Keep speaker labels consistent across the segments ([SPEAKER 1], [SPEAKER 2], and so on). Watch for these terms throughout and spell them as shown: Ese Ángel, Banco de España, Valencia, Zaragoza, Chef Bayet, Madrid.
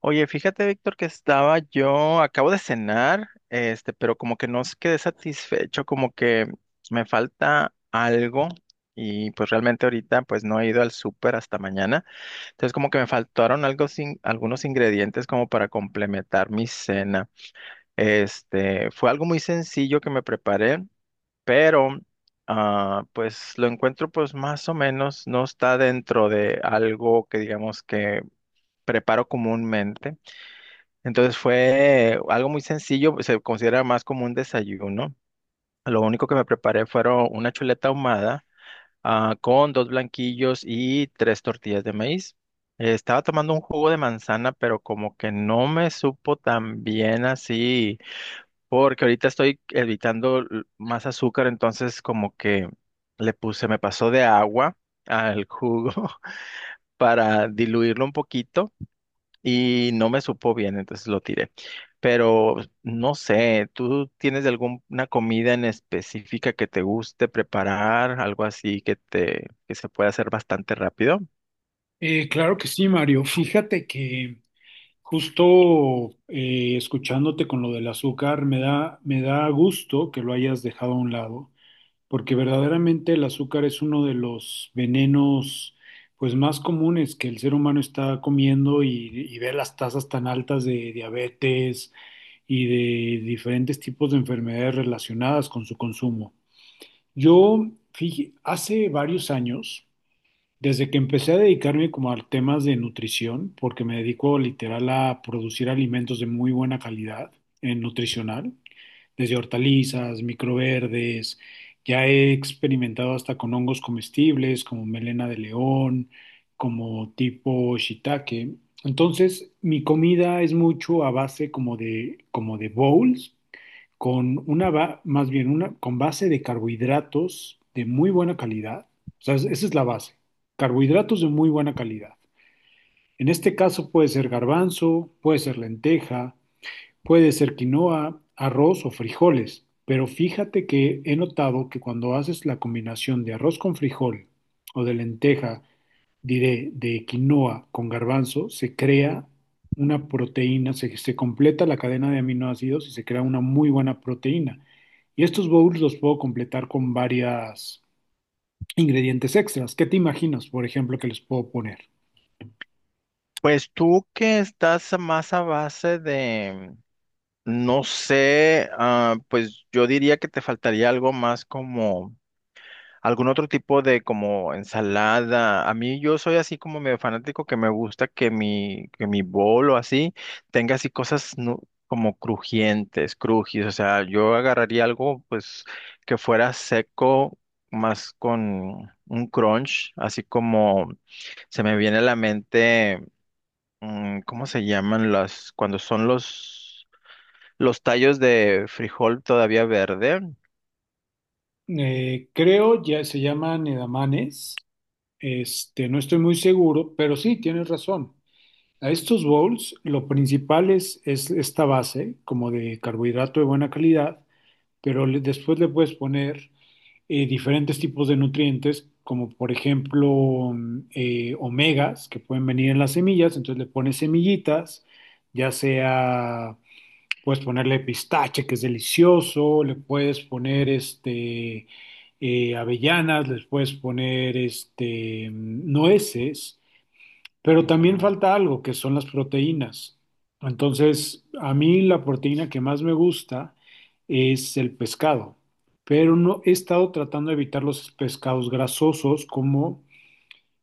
[SPEAKER 1] Oye, fíjate, Víctor, que estaba yo, acabo de cenar, pero como que no s- quedé satisfecho, como que me falta algo y pues realmente ahorita pues no he ido al súper hasta mañana, entonces como que me faltaron algo sin, algunos ingredientes como para complementar mi cena. Fue algo muy sencillo que me preparé, pero pues lo encuentro pues más o menos, no está dentro de algo que digamos que preparo comúnmente. Entonces fue algo muy sencillo, se considera más como un desayuno. Lo único que me preparé fueron una chuleta ahumada, con dos blanquillos y tres tortillas de maíz. Estaba tomando un jugo de manzana, pero como que no me supo tan bien así, porque ahorita estoy evitando más azúcar, entonces como que le puse, me pasó de agua al jugo para diluirlo un poquito y no me supo bien, entonces lo tiré. Pero no sé, ¿tú tienes alguna comida en específica que te guste preparar, algo así que se pueda hacer bastante rápido?
[SPEAKER 2] Claro que sí, Mario. Fíjate que justo escuchándote con lo del azúcar, me da gusto que lo hayas dejado a un lado, porque verdaderamente el azúcar es uno de los venenos pues más comunes que el ser humano está comiendo y ve las tasas tan altas de diabetes y de diferentes tipos de enfermedades relacionadas con su consumo. Yo, fíjate, hace varios años desde que empecé a dedicarme como a temas de nutrición, porque me dedico literal a producir alimentos de muy buena calidad en nutricional, desde hortalizas, microverdes, ya he experimentado hasta con hongos comestibles como melena de león, como tipo shiitake. Entonces, mi comida es mucho a base como de bowls, con una, ba- más bien una, con base de carbohidratos de muy buena calidad. O sea, esa es la base. Carbohidratos de muy buena calidad. En este caso puede ser garbanzo, puede ser lenteja, puede ser quinoa, arroz o frijoles, pero fíjate que he notado que cuando haces la combinación de arroz con frijol o de lenteja, diré, de quinoa con garbanzo, se crea una proteína, se completa la cadena de aminoácidos y se crea una muy buena proteína. Y estos bowls los puedo completar con varios ingredientes extras. ¿Qué te imaginas, por ejemplo, que les puedo poner?
[SPEAKER 1] Pues tú que estás más a base de, no sé, pues yo diría que te faltaría algo más como algún otro tipo de como ensalada. A mí yo soy así como medio fanático que me gusta que mi bol o así tenga así como crujientes, crujis. O sea, yo agarraría algo pues que fuera seco más con un crunch, así como se me viene a la mente, ¿cómo se llaman cuando son los tallos de frijol todavía verde?
[SPEAKER 2] Creo ya se llaman edamames. Este, no estoy muy seguro, pero sí, tienes razón. A estos bowls lo principal es esta base, como de carbohidrato de buena calidad, pero después le puedes poner diferentes tipos de nutrientes, como por ejemplo omegas, que pueden venir en las semillas, entonces le pones semillitas, ya sea puedes ponerle pistache, que es delicioso, le puedes poner avellanas, les puedes poner nueces, pero también
[SPEAKER 1] Ujú.
[SPEAKER 2] falta algo que son las proteínas. Entonces, a mí la proteína que más me gusta es el pescado, pero no he estado tratando de evitar los pescados grasosos como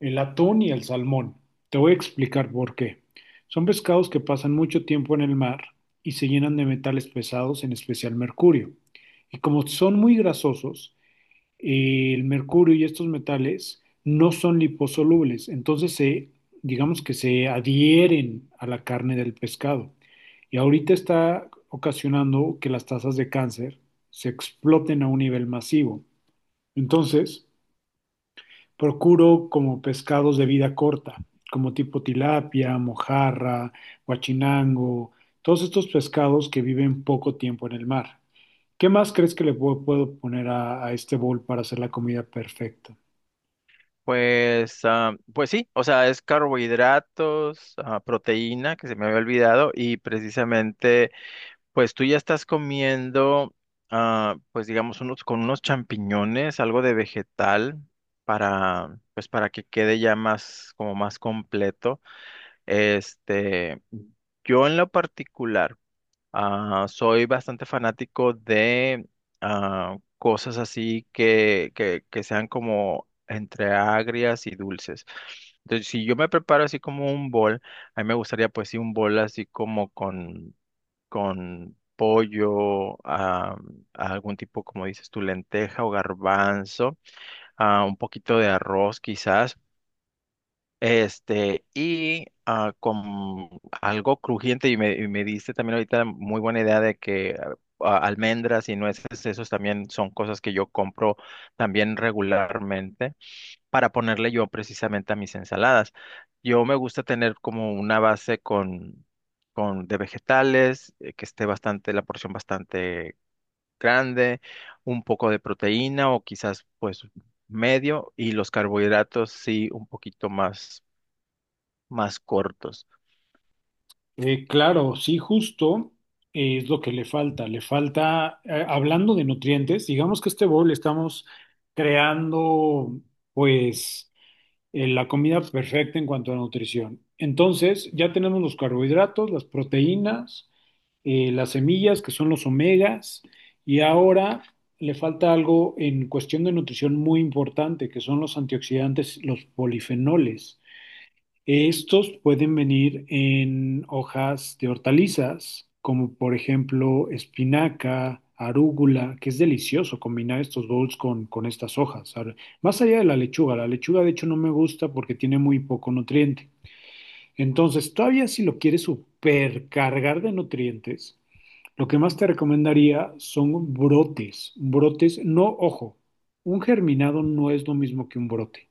[SPEAKER 2] el atún y el salmón. Te voy a explicar por qué. Son pescados que pasan mucho tiempo en el mar y se llenan de metales pesados, en especial mercurio. Y como son muy grasosos, el mercurio y estos metales no son liposolubles, digamos que se adhieren a la carne del pescado. Y ahorita está ocasionando que las tasas de cáncer se exploten a un nivel masivo. Entonces, procuro como pescados de vida corta, como tipo tilapia, mojarra, guachinango, todos estos pescados que viven poco tiempo en el mar. ¿Qué más crees que le puedo poner a este bowl para hacer la comida perfecta?
[SPEAKER 1] Pues, pues sí, o sea, es carbohidratos, proteína, que se me había olvidado, y precisamente, pues tú ya estás comiendo, pues digamos, con unos champiñones, algo de vegetal, pues para que quede ya más, como más completo. Este, yo en lo particular. Ah, soy bastante fanático de cosas así que sean como entre agrias y dulces. Entonces, si yo me preparo así como un bol, a mí me gustaría pues sí un bol así como con pollo, algún tipo, como dices tú, lenteja o garbanzo, un poquito de arroz quizás. Con algo crujiente, y me diste también ahorita muy buena idea de que almendras y nueces, esos también son cosas que yo compro también regularmente para ponerle yo precisamente a mis ensaladas. Yo me gusta tener como una base con de vegetales, que esté bastante, la porción bastante grande, un poco de proteína o quizás pues medio, y los carbohidratos sí un poquito más cortos.
[SPEAKER 2] Claro, sí, justo es lo que le falta. Le falta, hablando de nutrientes, digamos que este bowl estamos creando, pues la comida perfecta en cuanto a nutrición. Entonces, ya tenemos los carbohidratos, las proteínas, las semillas, que son los omegas, y ahora le falta algo en cuestión de nutrición muy importante, que son los antioxidantes, los polifenoles. Estos pueden venir en hojas de hortalizas, como por ejemplo espinaca, arúgula, que es delicioso combinar estos bowls con estas hojas. Ahora, más allá de la lechuga de hecho no me gusta porque tiene muy poco nutriente. Entonces, todavía si lo quieres supercargar de nutrientes, lo que más te recomendaría son brotes. Brotes, no, ojo, un germinado no es lo mismo que un brote.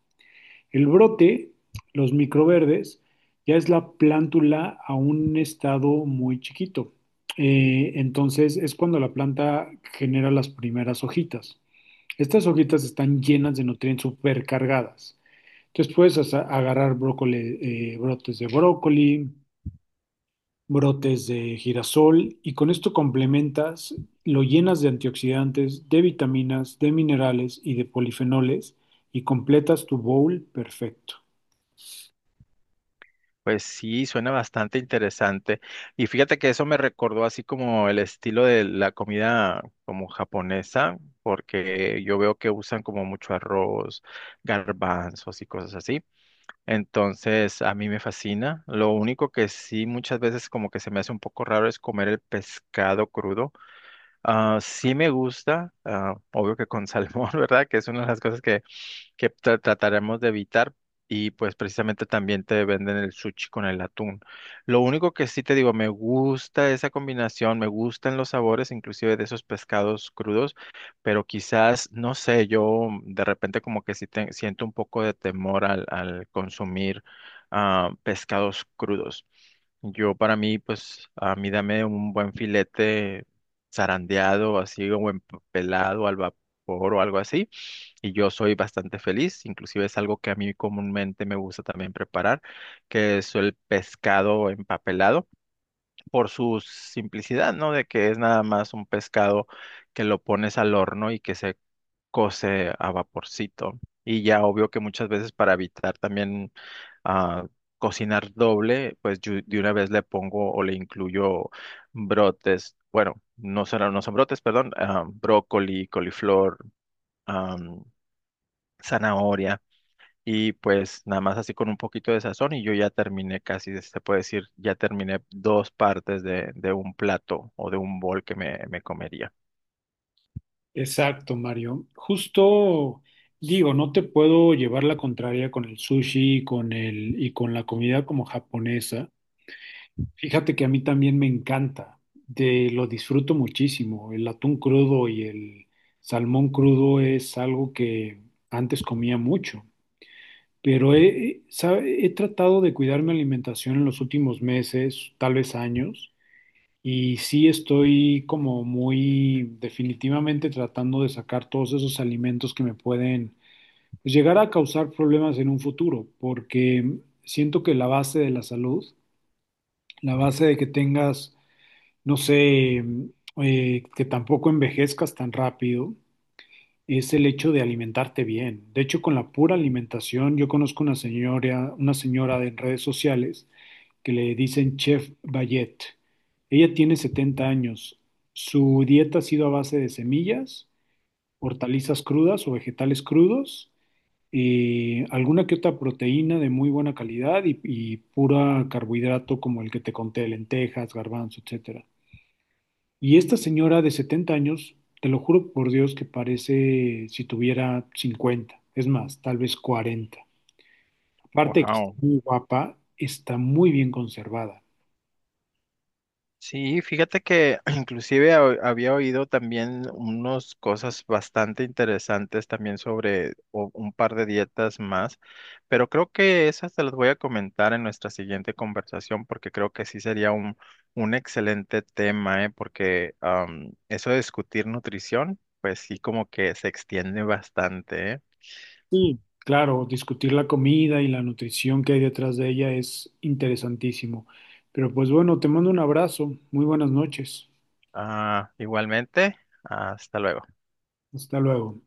[SPEAKER 2] El brote, los microverdes, ya es la plántula a un estado muy chiquito. Entonces es cuando la planta genera las primeras hojitas. Estas hojitas están llenas de nutrientes supercargadas. Entonces puedes hasta agarrar brócoli, brotes de brócoli, brotes de girasol y con esto complementas, lo llenas de antioxidantes, de vitaminas, de minerales y de polifenoles y completas tu bowl perfecto.
[SPEAKER 1] Pues sí, suena bastante interesante. Y fíjate que eso me recordó así como el estilo de la comida como japonesa, porque yo veo que usan como mucho arroz, garbanzos y cosas así. Entonces, a mí me fascina. Lo único que sí muchas veces como que se me hace un poco raro es comer el pescado crudo. Ah, sí me gusta, obvio que con salmón, ¿verdad? Que es una de las cosas que trataremos de evitar y pues precisamente también te venden el sushi con el atún. Lo único que sí te digo, me gusta esa combinación, me gustan los sabores inclusive de esos pescados crudos, pero quizás, no sé, yo de repente como que siento un poco de temor al consumir pescados crudos. Yo para mí, pues a mí dame un buen filete zarandeado, así, o en pelado al vapor o algo así y yo soy bastante feliz, inclusive es algo que a mí comúnmente me gusta también preparar, que es el pescado empapelado, por su simplicidad, ¿no? De que es nada más un pescado que lo pones al horno y que se cose a vaporcito. Y ya obvio que muchas veces para evitar también ah, cocinar doble, pues yo de una vez le pongo o le incluyo brotes, bueno, no son brotes, perdón, brócoli, coliflor, ah, zanahoria y pues nada más así con un poquito de sazón y yo ya terminé casi, se puede decir, ya terminé dos partes de un plato o de un bol que me comería.
[SPEAKER 2] Exacto, Mario. Justo digo, no te puedo llevar la contraria con el sushi y con y con la comida como japonesa. Fíjate que a mí también me encanta, de, lo disfruto muchísimo. El atún crudo y el salmón crudo es algo que antes comía mucho, pero he tratado de cuidar mi alimentación en los últimos meses, tal vez años. Y sí estoy como muy definitivamente tratando de sacar todos esos alimentos que me pueden pues, llegar a causar problemas en un futuro, porque siento que la base de la salud, la base de que tengas, no sé, que tampoco envejezcas tan rápido, es el hecho de alimentarte bien. De hecho, con la pura alimentación, yo conozco una señora de redes sociales que le dicen Chef Bayet. Ella tiene 70 años. Su dieta ha sido a base de semillas, hortalizas crudas o vegetales crudos, alguna que otra proteína de muy buena calidad y pura carbohidrato como el que te conté, lentejas, garbanzo, etcétera. Y esta señora de 70 años, te lo juro por Dios que parece si tuviera 50, es más, tal vez 40. Aparte de que está
[SPEAKER 1] Wow.
[SPEAKER 2] muy guapa, está muy bien conservada.
[SPEAKER 1] Sí, fíjate que inclusive había oído también unas cosas bastante interesantes también sobre un par de dietas más, pero creo que esas te las voy a comentar en nuestra siguiente conversación porque creo que sí sería un excelente tema, ¿eh? Porque eso de discutir nutrición, pues sí como que se extiende bastante, ¿eh?
[SPEAKER 2] Sí, claro, discutir la comida y la nutrición que hay detrás de ella es interesantísimo. Pero pues bueno, te mando un abrazo, muy buenas noches,
[SPEAKER 1] Ah, igualmente, hasta luego.
[SPEAKER 2] hasta luego.